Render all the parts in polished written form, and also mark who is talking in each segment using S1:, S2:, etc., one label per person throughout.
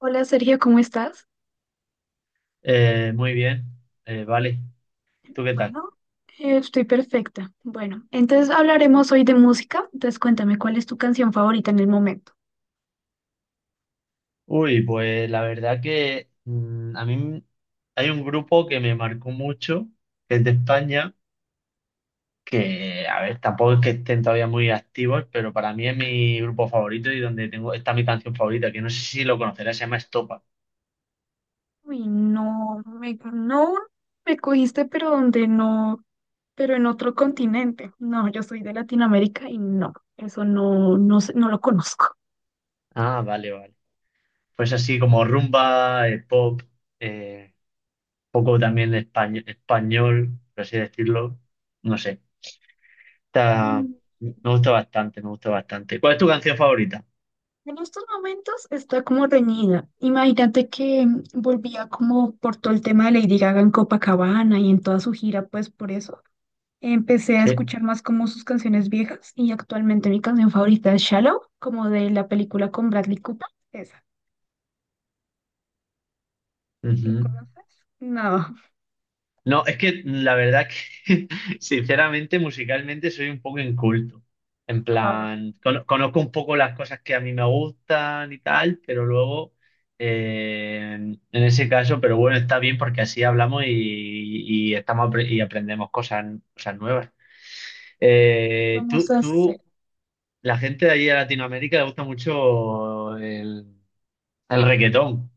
S1: Hola Sergio, ¿cómo estás?
S2: Muy bien. Vale. ¿Tú qué tal?
S1: Bueno, estoy perfecta. Bueno, entonces hablaremos hoy de música. Entonces cuéntame, ¿cuál es tu canción favorita en el momento?
S2: Uy, pues la verdad que a mí, hay un grupo que me marcó mucho, que es de España, que, a ver, tampoco es que estén todavía muy activos, pero para mí es mi grupo favorito y donde tengo, está mi canción favorita, que no sé si lo conocerás. Se llama Estopa.
S1: Uy, no, no me cogiste, pero donde no, pero en otro continente. No, yo soy de Latinoamérica y no, eso no, no, no lo conozco.
S2: Ah, vale, vale. Pues así como rumba, pop, eh, poco también español, español, por así decirlo, no sé. Está-
S1: Mm.
S2: Me gusta bastante, me gusta bastante. ¿Cuál es tu canción favorita?
S1: En estos momentos está como reñida. Imagínate que volvía como por todo el tema de Lady Gaga en Copacabana y en toda su gira, pues por eso. Empecé a
S2: Sí.
S1: escuchar más como sus canciones viejas y actualmente mi canción favorita es Shallow, como de la película con Bradley Cooper. Esa, ¿la
S2: Ujú.
S1: conoces? No.
S2: No, es que la verdad que, sinceramente, musicalmente soy un poco inculto. En
S1: Ah,
S2: plan, conozco un poco las cosas que a mí me gustan y tal, pero luego, en ese caso, pero bueno, está bien porque así hablamos y, y y aprendemos cosas, cosas nuevas.
S1: ¿qué
S2: Eh,
S1: vamos
S2: tú,
S1: a
S2: tú,
S1: hacer.
S2: la gente de allí de Latinoamérica le gusta mucho el reggaetón.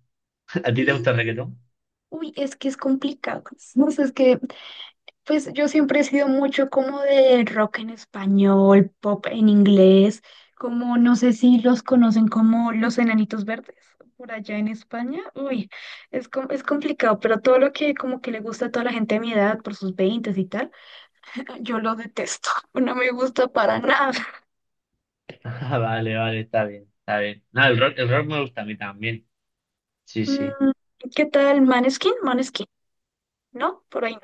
S2: ¿A ti te
S1: Y,
S2: gusta el reggaetón?
S1: uy, es que es complicado. No sé, es que pues yo siempre he sido mucho como de rock en español, pop en inglés, como no sé si los conocen como los Enanitos Verdes por allá en España. Uy, es complicado, pero todo lo que como que le gusta a toda la gente de mi edad por sus veintes y tal, yo lo detesto, no me gusta para nada.
S2: Ah, vale, vale, está bien, está bien. No, el rock me gusta a mí también. Sí, sí.
S1: Mm, ¿qué tal Maneskin? Maneskin, ¿no? Por ahí.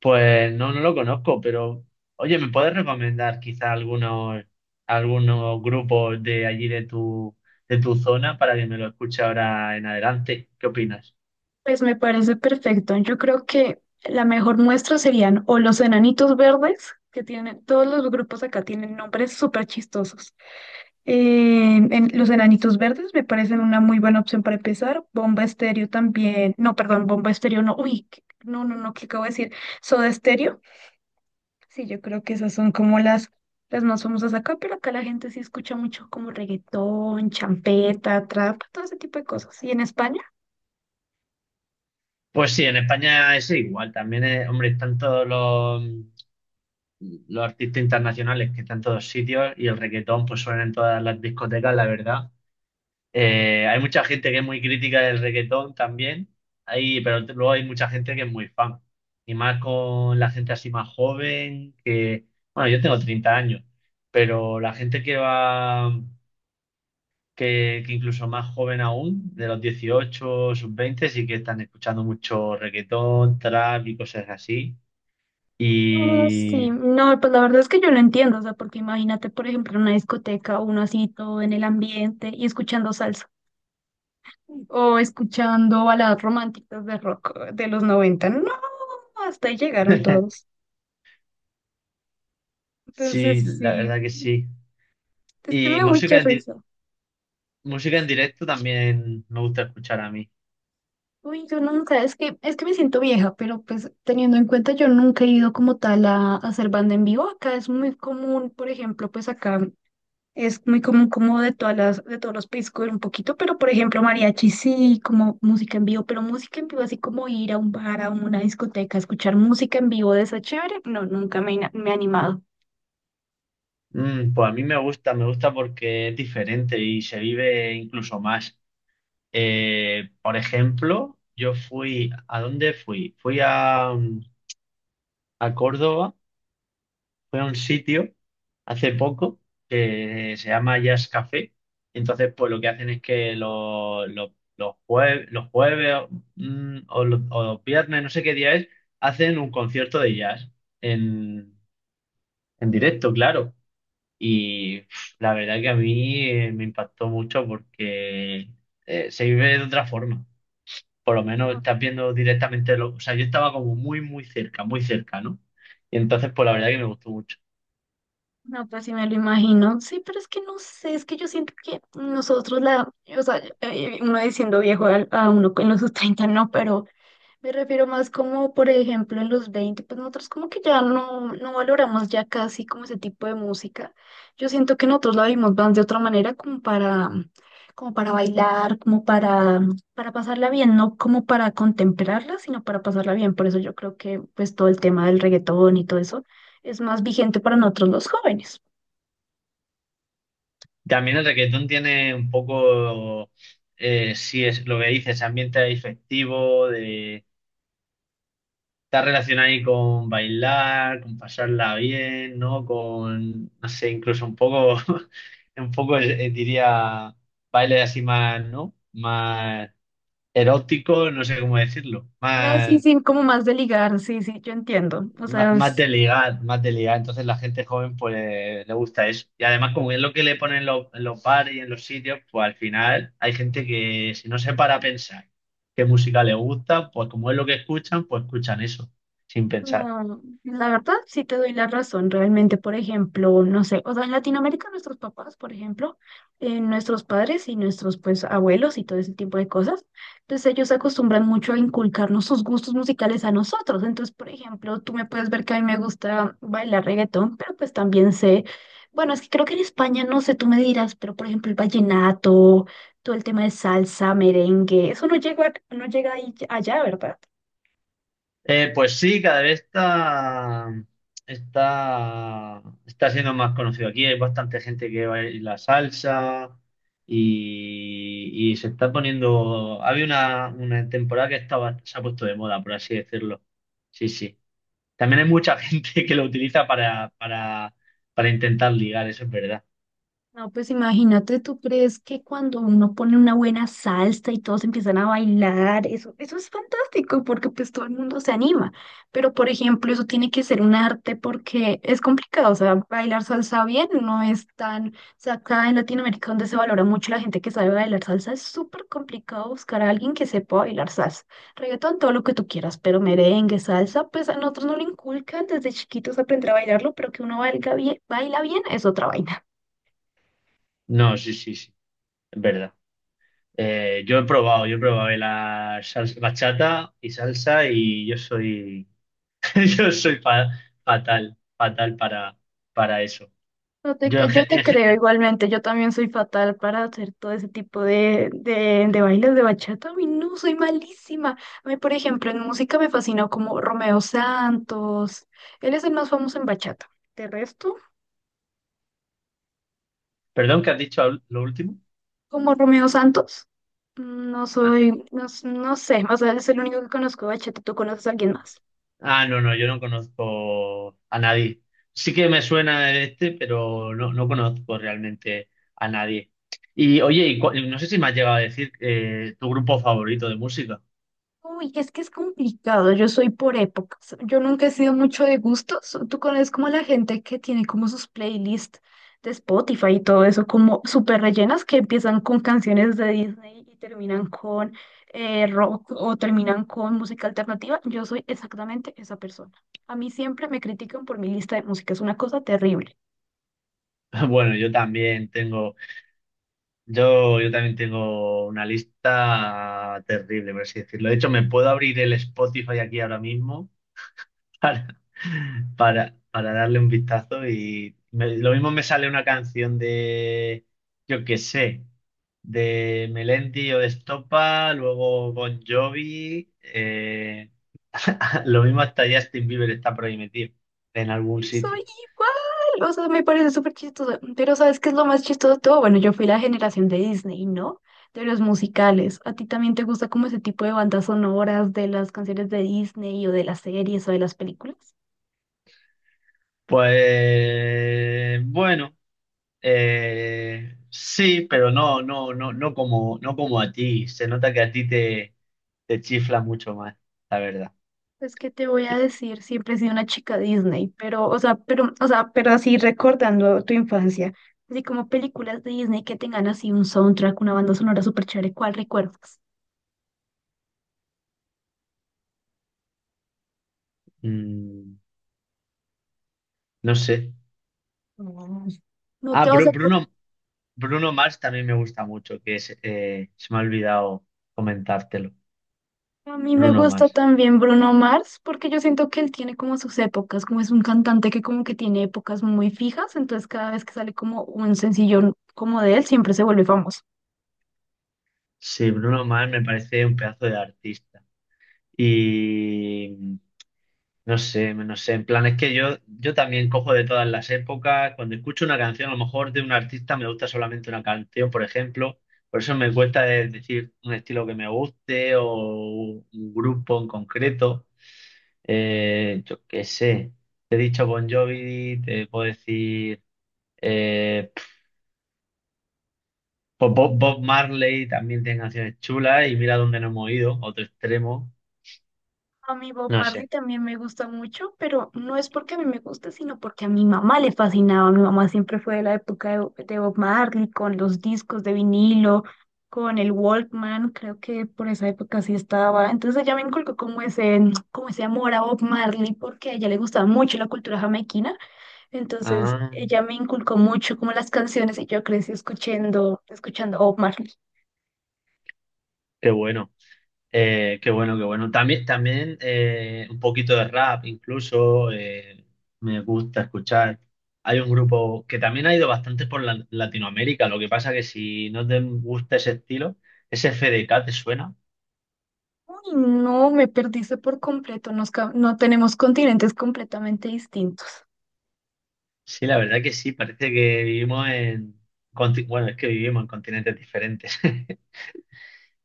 S2: Pues no, no lo conozco, pero oye, ¿me puedes recomendar quizá algunos, algunos grupos de allí de tu zona para que me lo escuche ahora en adelante? ¿Qué opinas?
S1: Pues me parece perfecto. Yo creo que la mejor muestra serían o los enanitos verdes, que tienen, todos los grupos acá tienen nombres súper chistosos. Los enanitos verdes me parecen una muy buena opción para empezar. Bomba Estéreo también. No, perdón, Bomba Estéreo no. Uy, no, no, no, ¿qué acabo de decir? Soda Estéreo. Sí, yo creo que esas son como las más famosas acá, pero acá la gente sí escucha mucho como reggaetón, champeta, trap, todo ese tipo de cosas. ¿Y en España?
S2: Pues sí, en España es igual. También, hombre, están todos los artistas internacionales que están en todos sitios, y el reggaetón pues suena en todas las discotecas, la verdad. Hay mucha gente que es muy crítica del reggaetón también, hay, pero luego hay mucha gente que es muy fan. Y más con la gente así más joven, que, bueno, yo tengo 30 años, pero la gente que va, que incluso más joven aún, de los 18 sub 20, sí que están escuchando mucho reggaetón, trap y cosas así.
S1: No, sí,
S2: Y
S1: no, pues la verdad es que yo lo entiendo, o sea, porque imagínate, por ejemplo, en una discoteca, uno así todo en el ambiente y escuchando salsa o escuchando baladas románticas de rock de los noventa. No, hasta ahí llegaron todos. Entonces,
S2: sí, la
S1: sí,
S2: verdad que sí.
S1: es que me
S2: Y
S1: da mucha
S2: música en,
S1: risa.
S2: música en directo también me gusta escuchar a mí.
S1: Uy, yo nunca, es que, me siento vieja, pero pues teniendo en cuenta, yo nunca he ido como tal a hacer banda en vivo. Acá es muy común, por ejemplo, pues acá. Es muy común como de todas de todos los países coger un poquito, pero por ejemplo mariachi sí, como música en vivo, pero música en vivo así como ir a un bar, a una discoteca, escuchar música en vivo de esa chévere, no, nunca me he animado.
S2: Mm, pues a mí me gusta porque es diferente y se vive incluso más. Por ejemplo, yo fui, ¿a dónde fui? Fui a, a Córdoba, fui a un sitio hace poco que se llama Jazz Café. Entonces, pues lo que hacen es que los los jueves o los viernes, no sé qué día es, hacen un concierto de jazz en, en directo, claro. Y pf, la verdad que a mí me impactó mucho porque se vive de otra forma. Por lo menos estás viendo directamente lo... O sea, yo estaba como muy, muy cerca, ¿no? Y entonces, pues la verdad que me gustó mucho.
S1: No, pues sí me lo imagino. Sí, pero es que no sé, es que yo siento que nosotros o sea, uno diciendo viejo uno en los sus 30, no, pero me refiero más como, por ejemplo, en los 20 pues nosotros como que ya no valoramos ya casi como ese tipo de música. Yo siento que nosotros la vimos más de otra manera como para bailar, para pasarla bien, no como para contemplarla, sino para pasarla bien. Por eso yo creo que pues todo el tema del reggaetón y todo eso es más vigente para nosotros los jóvenes.
S2: También el reggaetón tiene un poco, si es lo que dices, ambiente festivo. Está relacionado ahí con bailar, con pasarla bien, ¿no? Con, no sé, incluso un poco, un poco, diría, baile así más, ¿no? Más erótico, no sé cómo decirlo,
S1: No, sí,
S2: más,
S1: sí, como más de ligar, sí, sí, yo entiendo. O
S2: más,
S1: sea.
S2: más de ligar, más de ligar. Entonces la gente joven pues le gusta eso. Y además como es lo que le ponen en los bares y en los sitios, pues al final hay gente que si no se para a pensar qué música le gusta, pues como es lo que escuchan, pues escuchan eso, sin pensar.
S1: No, la verdad sí te doy la razón, realmente, por ejemplo, no sé, o sea, en Latinoamérica nuestros papás, por ejemplo, nuestros padres y nuestros pues abuelos y todo ese tipo de cosas, entonces ellos se acostumbran mucho a inculcarnos sus gustos musicales a nosotros, entonces, por ejemplo, tú me puedes ver que a mí me gusta bailar reggaetón, pero pues también sé, bueno, es que creo que en España, no sé, tú me dirás, pero por ejemplo el vallenato, todo el tema de salsa, merengue, eso no llega allá, ¿verdad?
S2: Pues sí, cada vez está siendo más conocido aquí. Hay bastante gente que baila salsa y se está poniendo. Había una temporada que estaba, se ha puesto de moda, por así decirlo. Sí, sí. También hay mucha gente que lo utiliza para intentar ligar, eso es verdad.
S1: No, pues imagínate, ¿tú crees que cuando uno pone una buena salsa y todos empiezan a bailar, eso es fantástico porque pues todo el mundo se anima? Pero por ejemplo, eso tiene que ser un arte porque es complicado, o sea, bailar salsa bien no es tan, o sea, acá en Latinoamérica donde se valora mucho la gente que sabe bailar salsa, es súper complicado buscar a alguien que sepa bailar salsa. Reggaetón, todo lo que tú quieras, pero merengue, salsa, pues a nosotros no lo inculcan desde chiquitos aprender a bailarlo, pero que uno baila bien es otra vaina.
S2: No, sí, sí, sí, es verdad. Yo he probado la salsa, bachata y salsa, y yo soy yo soy fatal, fatal para eso.
S1: No te
S2: Yo,
S1: cre- yo te creo igualmente, yo también soy fatal para hacer todo ese tipo de bailes de bachata. A mí no, soy malísima. A mí, por ejemplo, en música me fascinó como Romeo Santos. Él es el más famoso en bachata. De resto,
S2: perdón, ¿qué has dicho lo último?
S1: como Romeo Santos, no
S2: Ah,
S1: soy, no, s- no sé, o sea, es el único que conozco de bachata. ¿Tú conoces a alguien más?
S2: ah, no, no, yo no conozco a nadie. Sí que me suena este, pero no, no conozco realmente a nadie. Y oye, y no sé si me has llegado a decir, tu grupo favorito de música.
S1: Uy, es que es complicado, yo soy por épocas, yo nunca he sido mucho de gustos, tú conoces como la gente que tiene como sus playlists de Spotify y todo eso, como súper rellenas que empiezan con canciones de Disney y terminan con rock o terminan con música alternativa, yo soy exactamente esa persona. A mí siempre me critican por mi lista de música, es una cosa terrible.
S2: Bueno, yo también tengo, yo también tengo una lista terrible, por así decirlo. De hecho, me puedo abrir el Spotify aquí ahora mismo para, para darle un vistazo y lo mismo me sale una canción de, yo qué sé, de Melendi o de Estopa, luego Bon Jovi, lo mismo hasta Justin Bieber está por ahí metido en algún
S1: Y soy
S2: sitio.
S1: igual, o sea, me parece súper chistoso. Pero ¿sabes qué es lo más chistoso de todo? Bueno, yo fui la generación de Disney, ¿no? De los musicales. ¿A ti también te gusta como ese tipo de bandas sonoras de las canciones de Disney o de las series o de las películas?
S2: Pues bueno, sí, pero no, no, no, no como, no como a ti. Se nota que a ti te, te chifla mucho más, la verdad.
S1: Pues, ¿qué te voy a decir? Siempre he sido una chica Disney, pero así recordando tu infancia, así como películas de Disney que tengan así un soundtrack, una banda sonora súper chévere, ¿cuál recuerdas?
S2: Mm. No sé.
S1: Mm. No
S2: Ah,
S1: te vas a acordar.
S2: Bruno, Bruno Mars también me gusta mucho, que es, se me ha olvidado comentártelo.
S1: A mí me
S2: Bruno
S1: gusta
S2: Mars.
S1: también Bruno Mars, porque yo siento que él tiene como sus épocas, como es un cantante que como que tiene épocas muy fijas, entonces cada vez que sale como un sencillo como de él, siempre se vuelve famoso.
S2: Sí, Bruno Mars me parece un pedazo de artista. Y no sé, no sé, en plan, es que yo también cojo de todas las épocas. Cuando escucho una canción, a lo mejor de un artista me gusta solamente una canción, por ejemplo, por eso me cuesta decir un estilo que me guste o un grupo en concreto. Yo qué sé, te he dicho Bon Jovi, te puedo decir pf, pues Bob Marley también tiene canciones chulas, y mira dónde nos hemos ido, otro extremo,
S1: A mí Bob
S2: no
S1: Marley
S2: sé.
S1: también me gusta mucho, pero no es porque a mí me gusta, sino porque a mi mamá le fascinaba. Mi mamá siempre fue de la época de Bob Marley, con los discos de vinilo, con el Walkman, creo que por esa época sí estaba. Entonces ella me inculcó como ese, amor a Bob Marley, porque a ella le gustaba mucho la cultura jamaiquina. Entonces
S2: Ah,
S1: ella me inculcó mucho como las canciones y yo crecí escuchando Bob Marley.
S2: qué bueno. Qué bueno, qué bueno. También, también, un poquito de rap, incluso me gusta escuchar. Hay un grupo que también ha ido bastante por Latinoamérica. Lo que pasa que si no te gusta ese estilo, ese FDK te suena.
S1: Uy, no, me perdiste por completo. No tenemos continentes completamente distintos.
S2: Sí, la verdad que sí. Parece que vivimos en, bueno, es que vivimos en continentes diferentes.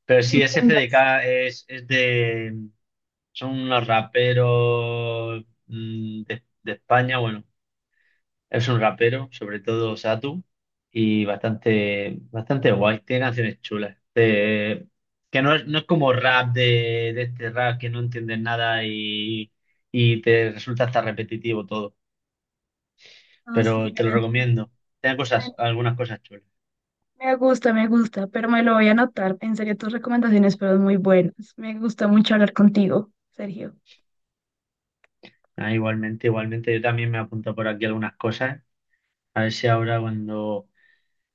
S2: Pero sí, ese
S1: Entiendo.
S2: FDK es de, son unos raperos, mm, de España. Bueno, es un rapero, sobre todo Satu, y bastante, bastante guay. Tiene canciones chulas. Que no es, no es como rap de este rap que no entiendes nada y, y te resulta hasta repetitivo todo.
S1: No, sí,
S2: Pero te lo recomiendo. Tiene cosas,
S1: la-
S2: algunas cosas chulas.
S1: me gusta, pero me lo voy a anotar. En serio, tus recomendaciones fueron muy buenas. Me gusta mucho hablar contigo, Sergio.
S2: Ah, igualmente, igualmente, yo también me apunto por aquí algunas cosas. A ver si ahora cuando,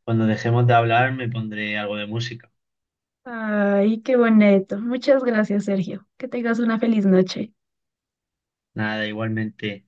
S2: cuando dejemos de hablar me pondré algo de música.
S1: Ay, qué bonito. Muchas gracias, Sergio. Que tengas una feliz noche.
S2: Nada, igualmente.